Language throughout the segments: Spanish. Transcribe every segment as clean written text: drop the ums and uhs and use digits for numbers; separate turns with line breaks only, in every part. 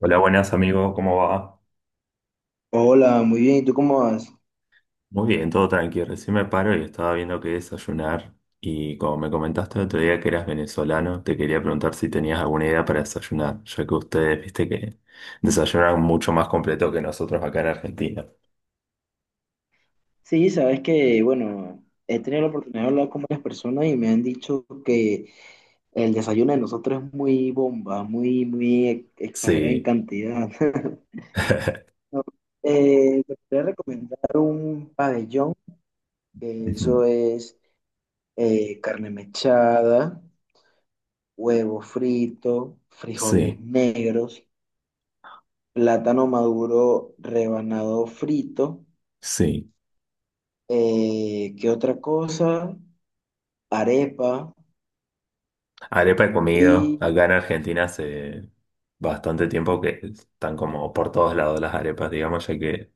Hola, buenas amigos, ¿cómo va?
Hola, muy bien. ¿Y tú cómo vas?
Muy bien, todo tranquilo. Recién me paro y estaba viendo qué desayunar. Y como me comentaste el otro día que eras venezolano, te quería preguntar si tenías alguna idea para desayunar, ya que ustedes, viste que desayunan mucho más completo que nosotros acá en Argentina.
Sí, sabes que, bueno, he tenido la oportunidad de hablar con varias personas y me han dicho que el desayuno de nosotros es muy bomba, muy, exagerado en
Sí.
cantidad. No, te podría recomendar un pabellón, que eso
Ujú.
es carne mechada, huevo frito, frijoles
Sí,
negros, plátano maduro rebanado frito,
sí.
¿qué otra cosa? Arepa
Arepa he comido. Acá
y...
en Argentina hace bastante tiempo que están como por todos lados las arepas, digamos, ya que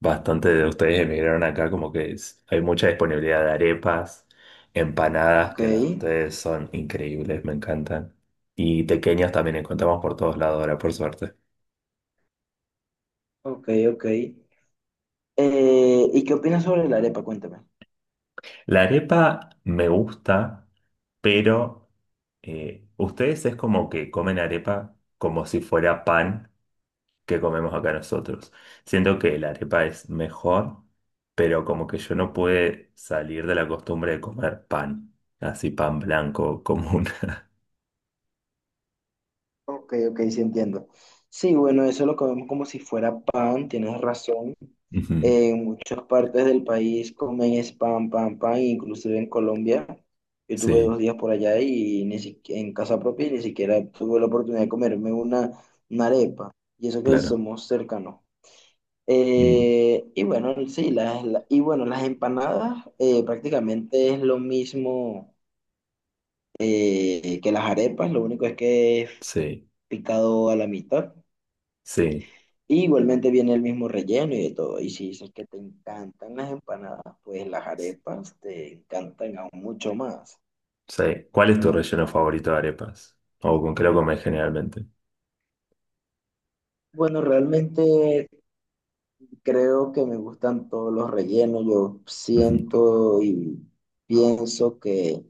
bastante de ustedes emigraron acá, como que hay mucha disponibilidad de arepas, empanadas,
Ok,
que las de ustedes son increíbles, me encantan. Y pequeñas también encontramos por todos lados ahora, por suerte.
ok, ok. ¿Y qué opinas sobre la arepa? Cuéntame.
La arepa me gusta, pero ustedes es como que comen arepa como si fuera pan. Que comemos acá nosotros. Siento que la arepa es mejor, pero como que yo no pude salir de la costumbre de comer pan, así pan blanco común.
Ok, ok, sí entiendo. Sí, bueno, eso lo comemos como si fuera pan, tienes razón.
Ujú.
En muchas partes del país comen es pan, pan, pan, inclusive en Colombia. Yo tuve dos
Sí,
días por allá y ni si- en casa propia y ni siquiera tuve la oportunidad de comerme una arepa. Y eso que
claro.
somos cercanos.
Mm.
Y bueno, sí, y bueno, las empanadas prácticamente es lo mismo que las arepas, lo único es que es
Sí,
picado a la mitad.
sí,
Y igualmente viene el mismo relleno y de todo. Y si dices que te encantan las empanadas, pues las arepas te encantan aún mucho más.
sí. ¿Cuál es tu relleno favorito de arepas? ¿O con qué lo comes generalmente?
Bueno, realmente creo que me gustan todos los rellenos. Yo
Ujú.
siento y pienso que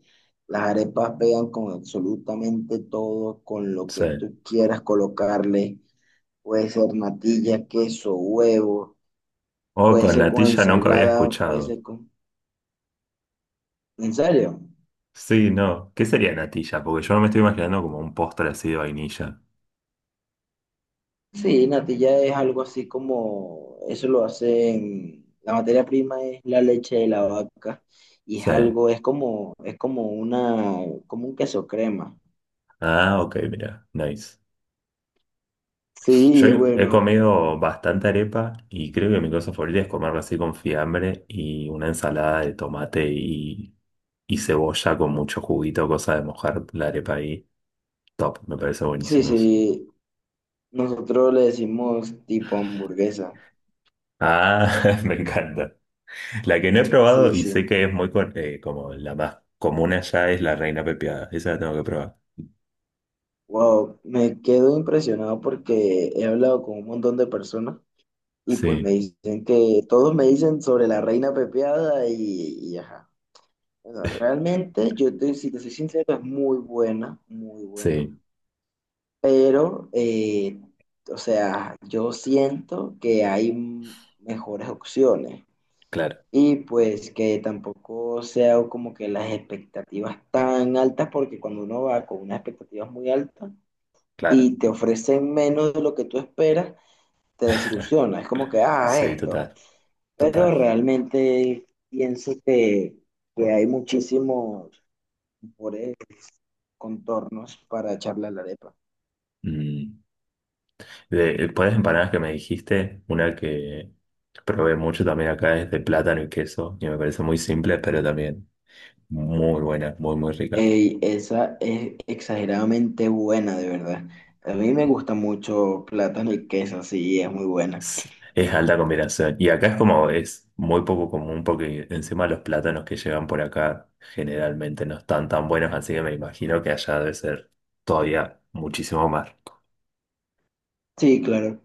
las arepas pegan con absolutamente todo, con lo que
Sí.
tú quieras colocarle. Puede ser natilla, queso, huevo,
O
puede
con
ser con
natilla nunca había
ensalada, puede
escuchado.
ser con... ¿En serio?
Sí, no. ¿Qué sería natilla? Porque yo me estoy imaginando como un postre así de vainilla.
Sí, natilla es algo así como, eso lo hacen, la materia prima es la leche de la vaca y es
Sí.
algo, es como una, como un queso crema.
Ah, ok, mira. Nice. Yo
Sí,
he
bueno,
comido bastante arepa y creo que mi cosa favorita es comerla así con fiambre y una ensalada de tomate y cebolla con mucho juguito, cosa de mojar la arepa ahí. Top, me parece
sí,
buenísimo eso.
sí, nosotros le decimos tipo hamburguesa,
Ah, me encanta. La que no he
sí,
probado y
sí.
sé que es muy como la más común allá es la reina pepiada. Esa la tengo que probar.
Wow, me quedo impresionado porque he hablado con un montón de personas y pues me
Sí,
dicen que todos me dicen sobre la reina pepeada y ajá. Bueno, realmente yo te, si te soy sincero, es muy buena,
sí,
pero, o sea, yo siento que hay mejores opciones.
claro,
Y pues que tampoco sea como que las expectativas tan altas, porque cuando uno va con unas expectativas muy altas
claro.
y te ofrecen menos de lo que tú esperas, te desilusiona. Es como que, ah,
Sí,
esto.
total,
Pero
total.
realmente pienso que hay muchísimos por- contornos para echarle a la arepa.
Mm. De, por las empanadas que me dijiste, una que probé mucho también acá es de plátano y queso, y me parece muy simple, pero también muy buena, muy, muy rica.
Ey, esa es exageradamente buena, de verdad. A mí me gusta mucho plátano y queso, sí, es muy buena.
Es alta combinación. Y acá es como, es muy poco común porque encima los plátanos que llegan por acá generalmente no están tan buenos, así que me imagino que allá debe ser todavía muchísimo más.
Sí, claro.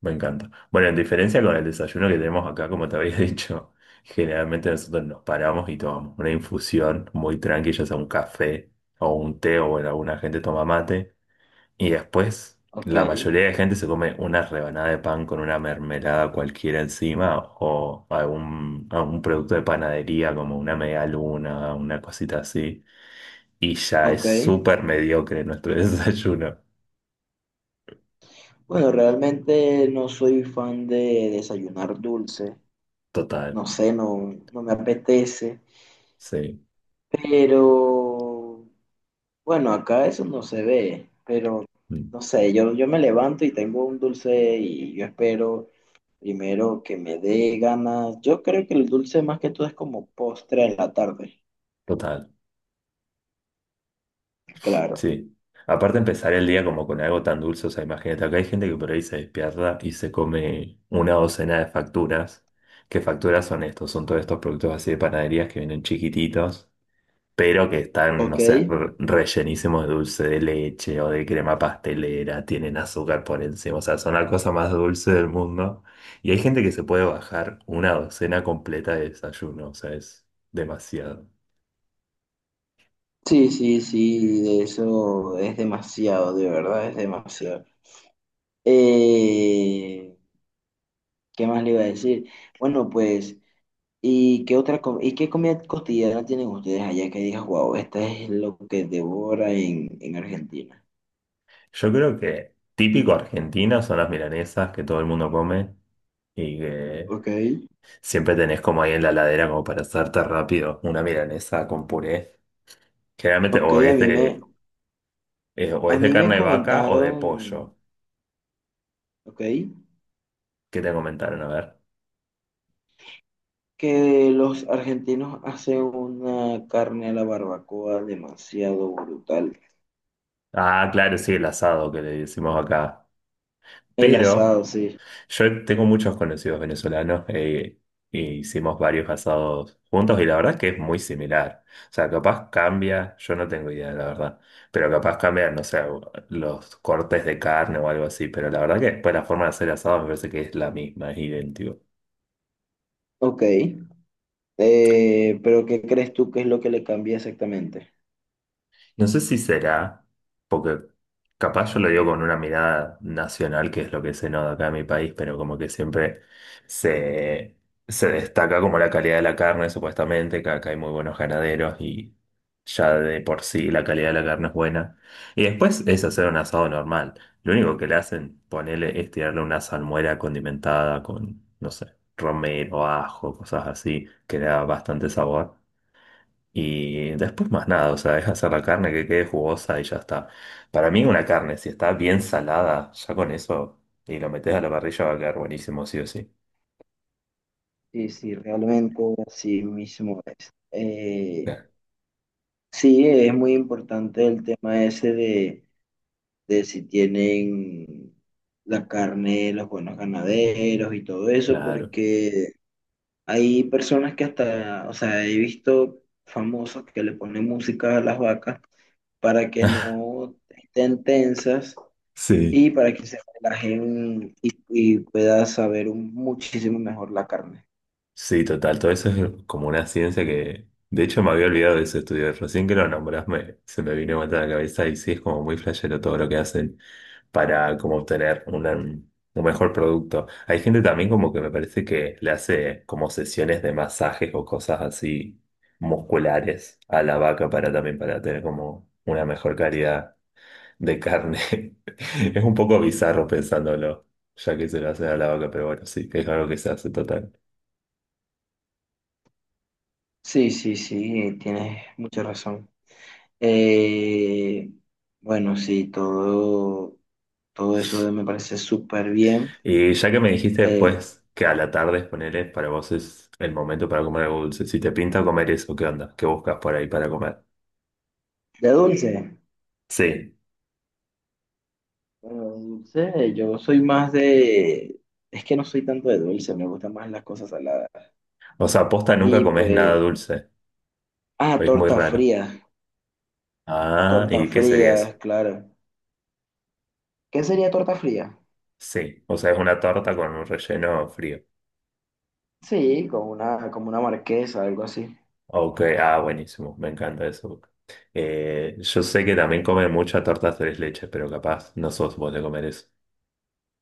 Me encanta. Bueno, en diferencia con el desayuno que tenemos acá, como te había dicho, generalmente nosotros nos paramos y tomamos una infusión muy tranquila, ya sea un café o un té, o bueno, alguna gente toma mate. Y después,
Ok.
la mayoría de gente se come una rebanada de pan con una mermelada cualquiera encima o algún producto de panadería como una media luna, una cosita así. Y ya es
Ok.
súper mediocre nuestro desayuno.
Bueno, realmente no soy fan de desayunar dulce.
Total,
No sé, no, no me apetece.
sí,
Pero bueno, acá eso no se ve. Pero
mm,
no sé, yo me levanto y tengo un dulce y yo espero primero que me dé ganas. Yo creo que el dulce más que todo es como postre en la tarde.
total.
Claro.
Sí. Aparte empezar el día como con algo tan dulce, o sea, imagínate, acá hay gente que por ahí se despierta y se come una docena de facturas. ¿Qué facturas son estos? Son todos estos productos así de panaderías que vienen chiquititos, pero que están,
Ok.
no sé, rellenísimos de dulce de leche o de crema pastelera, tienen azúcar por encima, o sea, son la cosa más dulce del mundo. Y hay gente que se puede bajar una docena completa de desayuno, o sea, es demasiado.
Sí, sí, sí, de eso es demasiado, de verdad es demasiado. Eh, ¿Qué más le iba a decir? Bueno, pues, ¿y qué comida cotidiana tienen ustedes allá que digas, wow, esta es lo que devora en Argentina?
Yo creo que típico argentino son las milanesas que todo el mundo come y que
Ok.
siempre tenés como ahí en la ladera como para hacerte rápido una milanesa con puré. Generalmente
Ok,
o
a
es
mí me,
de, eh, o
a
es de
mí me
carne de vaca o de
comentaron,
pollo.
ok,
¿Qué te comentaron? A ver.
que los argentinos hacen una carne a la barbacoa demasiado brutal.
Ah, claro, sí, el asado que le decimos acá.
El asado,
Pero
sí.
yo tengo muchos conocidos venezolanos e hicimos varios asados juntos y la verdad es que es muy similar. O sea, capaz cambia, yo no tengo idea, la verdad, pero capaz cambian no sé, los cortes de carne o algo así, pero la verdad que después la forma de hacer asado me parece que es la misma, es idéntico.
Ok. Pero ¿qué crees tú que es lo que le cambia exactamente?
No sé si será, porque capaz yo lo digo con una mirada nacional, que es lo que se nota acá en mi país, pero como que siempre se, se destaca como la calidad de la carne, supuestamente, que acá hay muy buenos ganaderos y ya de por sí la calidad de la carne es buena. Y después es hacer un asado normal. Lo único que le hacen, ponerle, es tirarle una salmuera condimentada con, no sé, romero, ajo, cosas así, que le da bastante sabor. Y después más nada, o sea, es hacer la carne que quede jugosa y ya está. Para mí una carne, si está bien salada, ya con eso, y lo metes a la parrilla va a quedar buenísimo, sí o sí.
Sí, sí, realmente así mismo es.
Claro.
Sí, es muy importante el tema ese de si tienen la carne, los buenos ganaderos y todo eso,
Claro.
porque hay personas que hasta, o sea, he visto famosos que le ponen música a las vacas para que no estén tensas
Sí.
y para que se relajen y pueda muchísimo mejor la carne.
Sí, total, todo eso es como una ciencia que, de hecho, me había olvidado de ese estudio, recién que lo nombrás, se me vino a matar la cabeza y sí, es como muy flashero todo lo que hacen para como obtener un mejor producto. Hay gente también como que me parece que le hace como sesiones de masajes o cosas así musculares a la vaca para también para tener como una mejor calidad de carne. Es un poco bizarro pensándolo, ya que se lo hacen a la vaca, pero bueno, sí, es algo que se hace total.
Sí, sí, sí, tienes mucha razón. Eh, bueno, sí, todo. Todo eso me parece súper bien.
Y ya que me dijiste
Eh,
después que a la tarde, ponele, para vos es el momento para comer algo dulce. Si te pinta comer eso, ¿qué onda? ¿Qué buscas por ahí para comer?
de dulce,
Sí.
bueno, de dulce, yo soy más de... Es que no soy tanto de dulce, me gustan más las cosas saladas.
O sea, posta nunca
Y
comes nada
pues,
dulce.
ah,
Es muy raro. Ah,
torta
¿y qué sería eso?
fría, claro. ¿Qué sería torta fría?
Sí. O sea, es una torta con un relleno frío.
Sí, como una marquesa, algo así.
Ok, ah, buenísimo. Me encanta eso. Yo sé que también comen muchas tortas tres leches, pero capaz no sos vos de comer eso.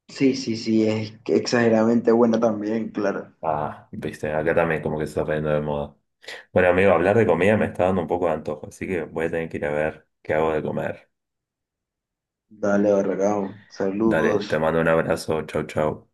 Sí, sí, sí, es que exageradamente buena también, claro.
Ah, viste, acá también como que se está poniendo de moda. Bueno, amigo, hablar de comida me está dando un poco de antojo, así que voy a tener que ir a ver qué hago de comer.
Dale, Barragán,
Dale, te
saludos.
mando un abrazo, chau, chau.